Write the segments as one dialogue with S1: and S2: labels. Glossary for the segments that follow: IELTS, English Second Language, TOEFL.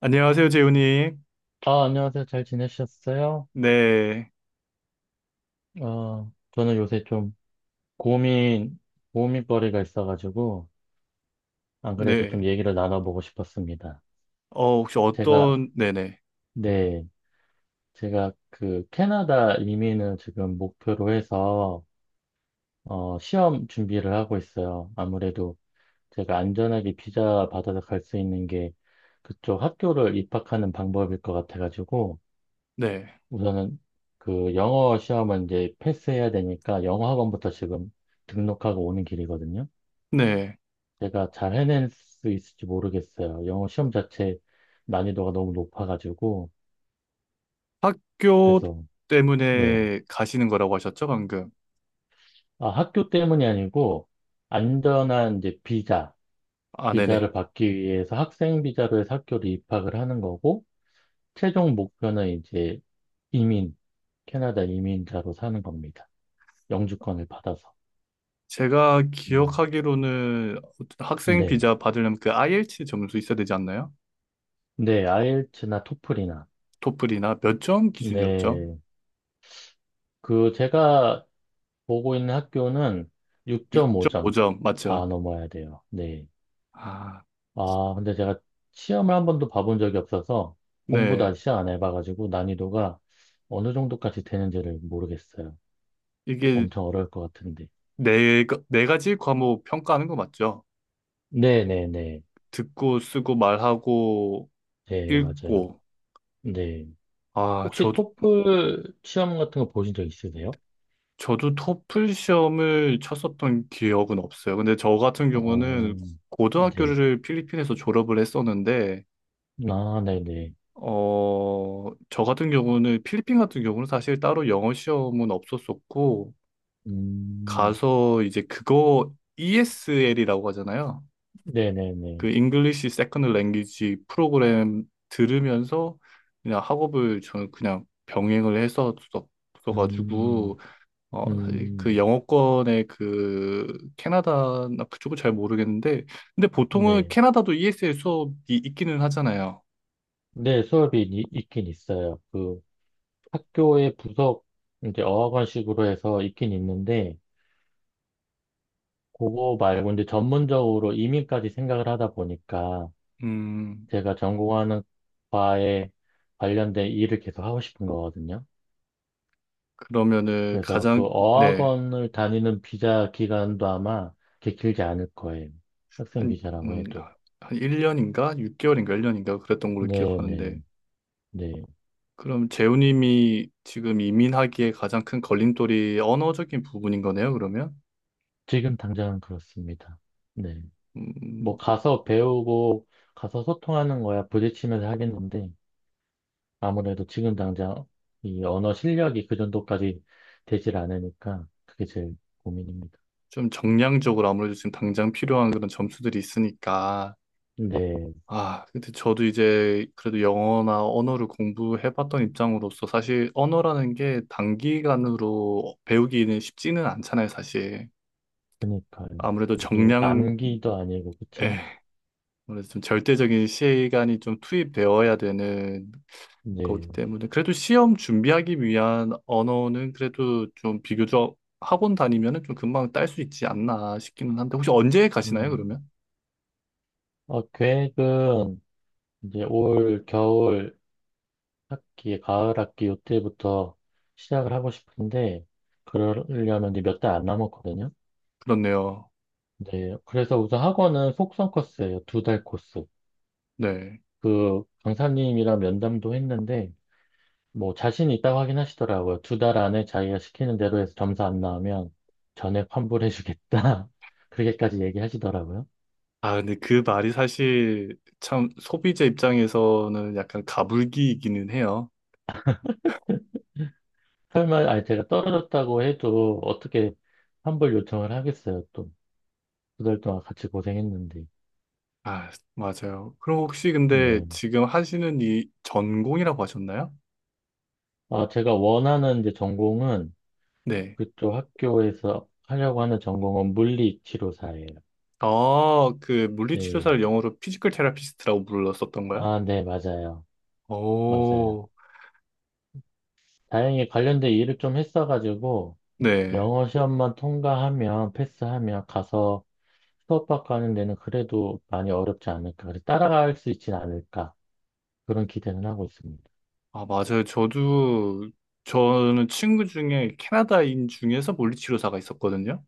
S1: 안녕하세요, 재훈님.
S2: 아, 안녕하세요. 잘 지내셨어요?
S1: 네,
S2: 저는 요새 좀 고민, 고민거리가 있어가지고, 안 그래도 좀
S1: 네.
S2: 얘기를 나눠보고 싶었습니다.
S1: 혹시
S2: 제가,
S1: 어떤, 네네,
S2: 네, 제가 그 캐나다 이민을 지금 목표로 해서, 시험 준비를 하고 있어요. 아무래도 제가 안전하게 비자 받아서 갈 수 있는 게 그쪽 학교를 입학하는 방법일 것 같아가지고,
S1: 네,
S2: 우선은 그 영어 시험은 이제 패스해야 되니까 영어 학원부터 지금 등록하고 오는 길이거든요.
S1: 네.
S2: 제가 잘 해낼 수 있을지 모르겠어요. 영어 시험 자체 난이도가 너무 높아가지고
S1: 학교
S2: 그래서. 네.
S1: 때문에 가시는 거라고 하셨죠, 방금?
S2: 아, 학교 때문이 아니고 안전한 이제
S1: 아, 네네.
S2: 비자를 받기 위해서 학생 비자로 해서 학교를 입학을 하는 거고 최종 목표는 이제 이민, 캐나다 이민자로 사는 겁니다. 영주권을 받아서.
S1: 제가
S2: 음,
S1: 기억하기로는 학생
S2: 네.
S1: 비자 받으려면 그 IELT 점수 있어야 되지 않나요?
S2: 네, 아이엘츠나 토플이나.
S1: 토플이나 몇 점 기준이었죠?
S2: 네, 그 제가 보고 있는 학교는 6.5점
S1: 6.5점, 맞죠?
S2: 다 넘어야 돼요. 네.
S1: 아,
S2: 아, 근데 제가 시험을 한 번도 봐본 적이 없어서 공부도
S1: 네.
S2: 아직 시작 안 해봐가지고 난이도가 어느 정도까지 되는지를 모르겠어요.
S1: 이게
S2: 엄청 어려울 것 같은데.
S1: 네, 네 가지 과목 평가하는 거 맞죠?
S2: 네네네. 네,
S1: 듣고, 쓰고, 말하고,
S2: 네. 네, 맞아요.
S1: 읽고.
S2: 네.
S1: 아,
S2: 혹시
S1: 저,
S2: 토플 시험 같은 거 보신 적 있으세요?
S1: 저도 토플 시험을 쳤었던 기억은 없어요. 근데 저 같은 경우는
S2: 어, 네.
S1: 고등학교를 필리핀에서 졸업을 했었는데,
S2: 아, 네네.
S1: 저 같은 경우는 필리핀 같은 경우는 사실 따로 영어 시험은 없었었고,
S2: 음,
S1: 가서 이제 그거 ESL이라고 하잖아요.
S2: 네네네.
S1: 그 English Second Language 프로그램 들으면서 그냥 학업을 저는 그냥 병행을 했었어가지고,
S2: 음,
S1: 사실 그
S2: 음,
S1: 영어권의 그 캐나다나 그쪽은 잘 모르겠는데, 근데 보통은
S2: 네.
S1: 캐나다도 ESL 수업이 있기는 하잖아요.
S2: 네, 수업이 있긴 있어요. 그 학교의 부속 이제 어학원식으로 해서 있긴 있는데, 그거 말고 이제 전문적으로 이민까지 생각을 하다 보니까
S1: 음,
S2: 제가 전공하는 과에 관련된 일을 계속 하고 싶은 거거든요.
S1: 그러면은
S2: 그래서 그
S1: 가장, 네,
S2: 어학원을 다니는 비자 기간도 아마 그렇게 길지 않을 거예요. 학생
S1: 한,
S2: 비자라고
S1: 음,
S2: 해도.
S1: 아, 한 1년인가? 6개월인가? 1년인가? 그랬던 걸로
S2: 네,
S1: 기억하는데,
S2: 네, 네.
S1: 그럼 재우님이 지금 이민하기에 가장 큰 걸림돌이 언어적인 부분인 거네요, 그러면?
S2: 지금 당장은 그렇습니다. 네. 뭐
S1: 음,
S2: 가서 배우고 가서 소통하는 거야 부딪히면서 하겠는데 아무래도 지금 당장 이 언어 실력이 그 정도까지 되질 않으니까 그게 제일 고민입니다.
S1: 좀 정량적으로 아무래도 지금 당장 필요한 그런 점수들이 있으니까,
S2: 네,
S1: 아, 근데 저도 이제 그래도 영어나 언어를 공부해봤던 입장으로서 사실 언어라는 게 단기간으로 배우기는 쉽지는 않잖아요, 사실.
S2: 그러니까요.
S1: 아무래도
S2: 이게
S1: 정량,
S2: 암기도 아니고
S1: 에,
S2: 그쵸?
S1: 아무래도 좀 절대적인 시간이 좀 투입되어야 되는 거기
S2: 네.
S1: 때문에 그래도 시험 준비하기 위한 언어는 그래도 좀 비교적 학원 다니면은 좀 금방 딸 수 있지 않나 싶기는 한데 혹시 언제 가시나요,
S2: 음,
S1: 그러면?
S2: 계획은 이제 올 겨울 학기, 가을 학기 요때부터 시작을 하고 싶은데 그러려면 이제 몇 달 안 남았거든요.
S1: 그렇네요.
S2: 네, 그래서 우선 학원은 속성 코스예요. 두 달 코스.
S1: 네.
S2: 그 강사님이랑 면담도 했는데 뭐 자신 있다고 하긴 하시더라고요. 두 달 안에 자기가 시키는 대로 해서 점수 안 나오면 전액 환불해주겠다. 그렇게까지 얘기하시더라고요.
S1: 아, 근데 그 말이 사실 참 소비자 입장에서는 약간 가불기이기는 해요.
S2: 설마 아니 제가 떨어졌다고 해도 어떻게 환불 요청을 하겠어요, 또. 두 달 동안 같이 고생했는데.
S1: 아, 맞아요. 그럼 혹시 근데
S2: 네.
S1: 지금 하시는 이 전공이라고 하셨나요?
S2: 아, 제가 원하는 이제 전공은
S1: 네.
S2: 그쪽 학교에서 하려고 하는 전공은 물리치료사예요.
S1: 아, 그
S2: 네.
S1: 물리치료사를 영어로 피지컬 테라피스트라고 불렀었던 거야?
S2: 아, 네, 맞아요. 맞아요.
S1: 오,
S2: 다행히 관련된 일을 좀 했어가지고
S1: 네.
S2: 영어 시험만 통과하면, 패스하면 가서 수업받고 하는 데는 그래도 많이 어렵지 않을까. 그래서 따라갈 수 있진 않을까. 그런 기대는 하고 있습니다.
S1: 아, 맞아요. 저는 친구 중에 캐나다인 중에서 물리치료사가 있었거든요.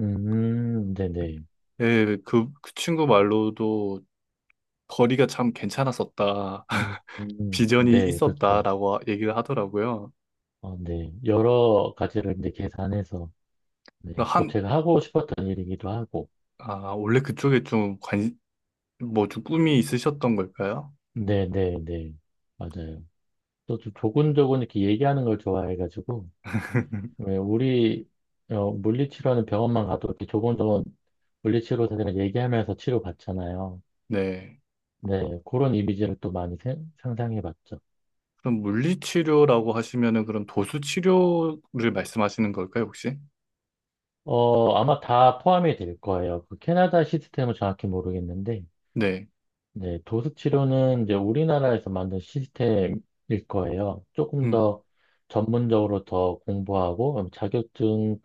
S2: 네네.
S1: 예, 그 친구 말로도 거리가 참 괜찮았었다. 비전이
S2: 네, 그렇죠.
S1: 있었다라고 얘기를 하더라고요.
S2: 어, 네. 여러 가지를 이제 계산해서, 네.
S1: 그래서
S2: 또
S1: 한,
S2: 제가 하고 싶었던 일이기도 하고.
S1: 아, 원래 그쪽에 좀 관, 뭐 좀 꿈이 있으셨던 걸까요?
S2: 네네네. 맞아요. 또 조곤조곤 이렇게 얘기하는 걸 좋아해가지고, 왜 우리 물리치료하는 병원만 가도 이렇게 조곤조곤 물리치료사들이랑 얘기하면서 치료받잖아요.
S1: 네.
S2: 네, 그런 이미지를 또 많이 상상해봤죠.
S1: 그럼 물리치료라고 하시면은 그럼 도수치료를 말씀하시는 걸까요, 혹시?
S2: 아마 다 포함이 될 거예요. 그 캐나다 시스템은 정확히 모르겠는데.
S1: 네.
S2: 네, 도수치료는 이제 우리나라에서 만든 시스템일 거예요. 조금
S1: 음,
S2: 더 전문적으로 더 공부하고 자격증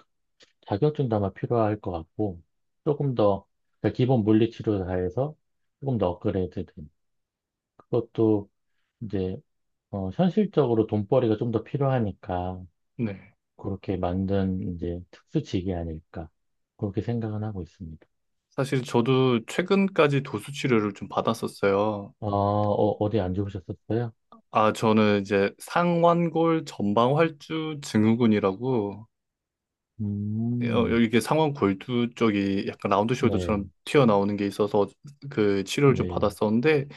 S2: 자격증도 아마 필요할 것 같고, 조금 더, 그러니까 기본 물리치료 다 해서 조금 더 업그레이드 된. 그것도 이제 현실적으로 돈벌이가 좀 더 필요하니까,
S1: 네.
S2: 그렇게 만든 이제 특수직이 아닐까. 그렇게 생각은 하고 있습니다.
S1: 사실 저도 최근까지 도수치료를 좀 받았었어요.
S2: 디안 좋으셨었어요?
S1: 아, 저는 이제 상완골 전방활주 증후군이라고
S2: 음,
S1: 여기 이게 상원 골두 쪽이 약간 라운드
S2: 네,
S1: 숄더처럼 튀어나오는 게 있어서 그 치료를 좀
S2: 네.
S1: 받았었는데,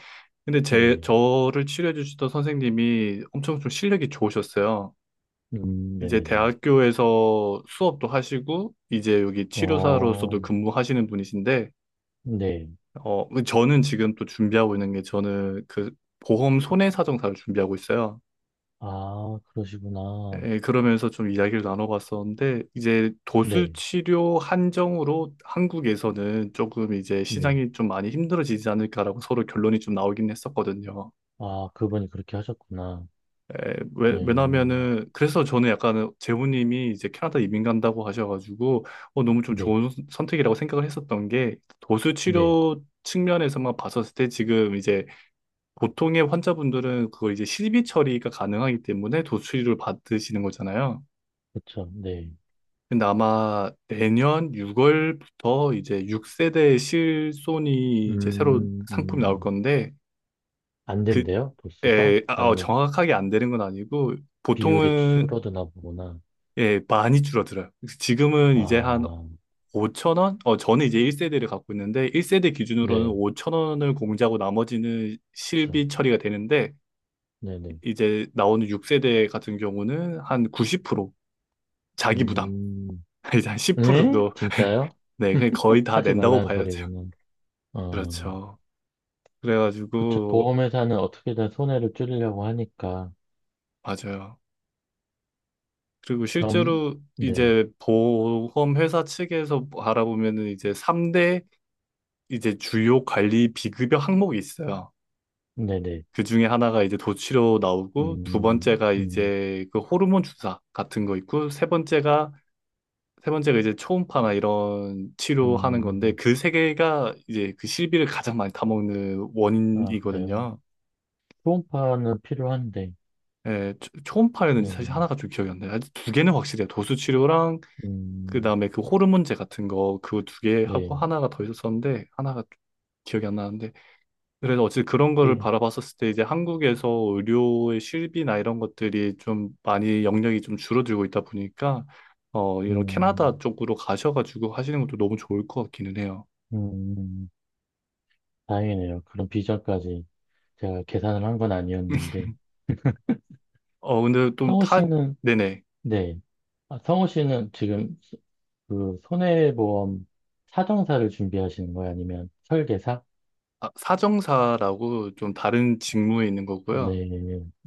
S1: 근데 제,
S2: 네.
S1: 저를 치료해 주시던 선생님이 엄청 좀 실력이 좋으셨어요. 이제
S2: 네네네.
S1: 대학교에서 수업도 하시고, 이제 여기
S2: 어,
S1: 치료사로서도 근무하시는 분이신데,
S2: 네.
S1: 저는 지금 또 준비하고 있는 게 저는 그 보험 손해사정사를 준비하고 있어요.
S2: 아, 그러시구나.
S1: 예, 그러면서 좀 이야기를 나눠봤었는데, 이제
S2: 네,
S1: 도수치료 한정으로 한국에서는 조금 이제
S2: 네.
S1: 시장이 좀 많이 힘들어지지 않을까라고 서로 결론이 좀 나오긴 했었거든요.
S2: 아, 그분이 그렇게 하셨구나.
S1: 예, 왜,
S2: 네,
S1: 왜냐면은, 그래서 저는 약간 재훈님이 이제 캐나다 이민 간다고 하셔가지고, 너무 좀
S2: 네,
S1: 좋은 선택이라고 생각을 했었던 게,
S2: 네.
S1: 도수치료 측면에서만 봤었을 때 지금 이제 보통의 환자분들은 그걸 이제 실비 처리가 가능하기 때문에 도수치료를 받으시는 거잖아요.
S2: 그쵸, 네.
S1: 근데 아마 내년 6월부터 이제 6세대 실손이 이제 새로
S2: 음,
S1: 상품이 나올
S2: 음.
S1: 건데
S2: 안 된대요? 도수가?
S1: 그에
S2: 아니면
S1: 정확하게 안 되는 건 아니고
S2: 비율이
S1: 보통은
S2: 줄어드나 보구나.
S1: 예, 많이 줄어들어요. 지금은 이제 한
S2: 아,
S1: 5천 원? 저는 이제 1세대를 갖고 있는데 1세대 기준으로는
S2: 네,
S1: 5천 원을 공제하고 나머지는
S2: 그쵸.
S1: 실비 처리가 되는데
S2: 네네.
S1: 이제 나오는 6세대 같은 경우는 한 90% 자기 부담,
S2: 음,
S1: 이제 한 10%
S2: 네?
S1: 정도.
S2: 진짜요?
S1: 네, 그냥 거의 다
S2: 하지
S1: 낸다고
S2: 말라는
S1: 봐야죠.
S2: 소리구나. 어,
S1: 그렇죠.
S2: 그쵸.
S1: 그래가지고,
S2: 보험회사는 어떻게든 손해를 줄이려고 하니까.
S1: 맞아요. 그리고
S2: 점,
S1: 실제로
S2: 네,
S1: 이제 보험 회사 측에서 알아보면은 이제 3대 이제 주요 관리 비급여 항목이 있어요.
S2: 네네.
S1: 그 중에 하나가 이제 도치료 나오고, 두
S2: 음,
S1: 번째가
S2: 음,
S1: 이제 그 호르몬 주사 같은 거 있고, 세 번째가 이제 초음파나 이런 치료하는 건데,
S2: 음,
S1: 그 세 개가 이제 그 실비를 가장 많이 타먹는
S2: 아, 그래요.
S1: 원인이거든요.
S2: 초음파는 필요한데,
S1: 예, 초파였는지
S2: 네,
S1: 사실 하나가 좀 기억이 안 나요. 아직 두 개는 확실해요. 도수치료랑 그
S2: 음,
S1: 다음에 그 호르몬제 같은 거 그거 두 개 하고
S2: 네,
S1: 하나가 더 있었었는데 하나가 기억이 안 나는데 그래서 어쨌든 그런 거를
S2: 이게,
S1: 바라봤었을 때 이제 한국에서 의료의 실비나 이런 것들이 좀 많이 영역이 좀 줄어들고 있다 보니까 이런 캐나다
S2: 음,
S1: 쪽으로 가셔가지고 하시는 것도 너무 좋을 것 같기는 해요.
S2: 음, 음. 다행이네요. 그런 비전까지 제가 계산을 한 건 아니었는데,
S1: 어 근데 좀
S2: 성우
S1: 타
S2: 씨는,
S1: 네네.
S2: 네, 아, 성우 씨는 지금 그 손해보험 사정사를 준비하시는 거예요? 아니면 설계사?
S1: 아, 사정사라고 좀 다른 직무에 있는 거고요.
S2: 네,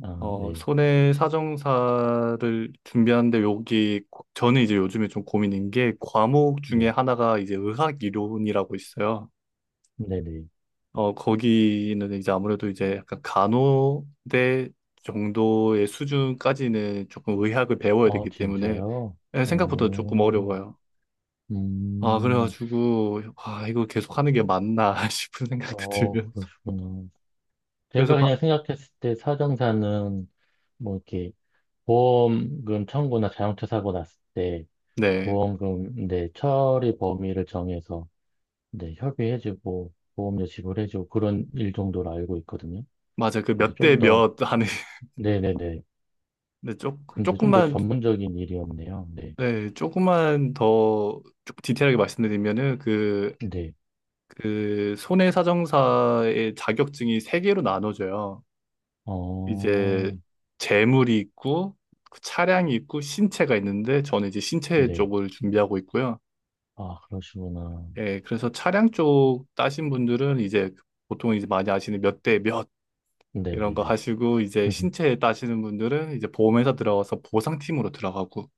S2: 아, 네,
S1: 손해사정사를 준비하는데 여기 저는 이제 요즘에 좀 고민인 게 과목
S2: 네,
S1: 중에 하나가 이제 의학이론이라고 있어요.
S2: 네네.
S1: 거기는 이제 아무래도 이제 약간 간호대 정도의 수준까지는 조금 의학을 배워야
S2: 아,
S1: 되기 때문에
S2: 진짜요?
S1: 예, 생각보다 조금
S2: 어,
S1: 어려워요. 아,
S2: 음,
S1: 그래가지고 아, 이거 계속 하는 게 맞나 싶은 생각도 들면서
S2: 그러시구나.
S1: 그래서
S2: 제가
S1: 바,
S2: 그냥 생각했을 때 사정사는 뭐 이렇게 보험금 청구나 자동차 사고 났을 때
S1: 네.
S2: 보험금, 네, 처리 범위를 정해서 네, 협의해주고 보험료 지불해주고 그런 일 정도로 알고 있거든요.
S1: 맞아. 그
S2: 근데
S1: 몇 대
S2: 좀 더,
S1: 몇 하는.
S2: 네네네. 근데 좀 더
S1: 조금만,
S2: 전문적인 일이었네요. 네,
S1: 네, 조금만 더 조금 디테일하게 말씀드리면은 그,
S2: 네.
S1: 그 손해사정사의 자격증이 세 개로 나눠져요.
S2: 어,
S1: 이제 재물이 있고 그 차량이 있고 신체가 있는데 저는 이제 신체
S2: 네.
S1: 쪽을 준비하고 있고요.
S2: 아, 그러시구나.
S1: 예, 그래서 차량 쪽 따신 분들은 이제 보통 이제 많이 아시는 몇 대 몇 이런 거
S2: 네네네.
S1: 하시고, 이제 신체 따시는 분들은 이제 보험회사 들어가서 보상팀으로 들어가고,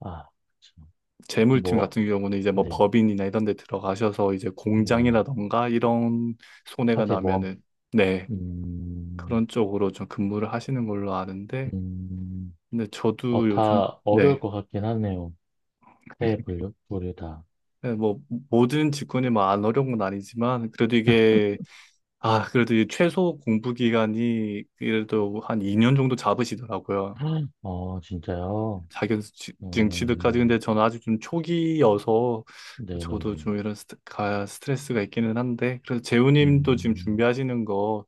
S2: 아, 참.
S1: 재물팀
S2: 뭐,
S1: 같은 경우는 이제 뭐
S2: 네,
S1: 법인이나 이런 데 들어가셔서 이제
S2: 네.
S1: 공장이라던가 이런 손해가
S2: 화재 모험.
S1: 나면은 네,
S2: 음,
S1: 그런 쪽으로 좀 근무를 하시는 걸로 아는데
S2: 음,
S1: 근데 저도 요즘.
S2: 다 어려울
S1: 네.
S2: 것 같긴 하네요. 새 분류, 분류 다.
S1: 네, 뭐 모든 직군이 뭐 안 어려운 건 아니지만 그래도 이게, 아, 그래도 이 최소 공부 기간이 그래도 한 2년 정도 잡으시더라고요.
S2: 어, 진짜요?
S1: 자격증 취득까지. 근데
S2: 음,
S1: 저는 아직 좀 초기여서 저도
S2: 네네네.
S1: 좀 이런 스트, 가, 스트레스가 있기는 한데 그래서 재우님도 지금
S2: 음,
S1: 준비하시는 거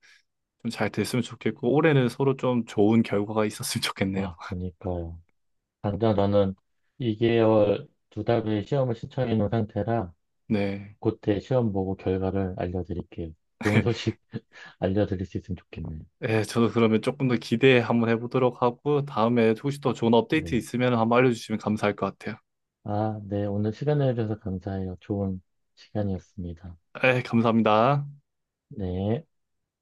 S1: 좀 잘 됐으면 좋겠고 올해는 서로 좀 좋은 결과가 있었으면 좋겠네요.
S2: 아, 그니까요. 당장 저는 2개월 두 달 후에 시험을 신청해 놓은 상태라
S1: 네.
S2: 그때 시험 보고 결과를 알려드릴게요. 좋은 소식 알려드릴 수 있으면 좋겠네요.
S1: 예, 저도 그러면 조금 더 기대 한번 해보도록 하고 다음에 혹시 더 좋은 업데이트
S2: 네.
S1: 있으면 한번 알려주시면 감사할 것 같아요.
S2: 아, 네. 오늘 시간 내주셔서 감사해요. 좋은 시간이었습니다.
S1: 예, 감사합니다.
S2: 네.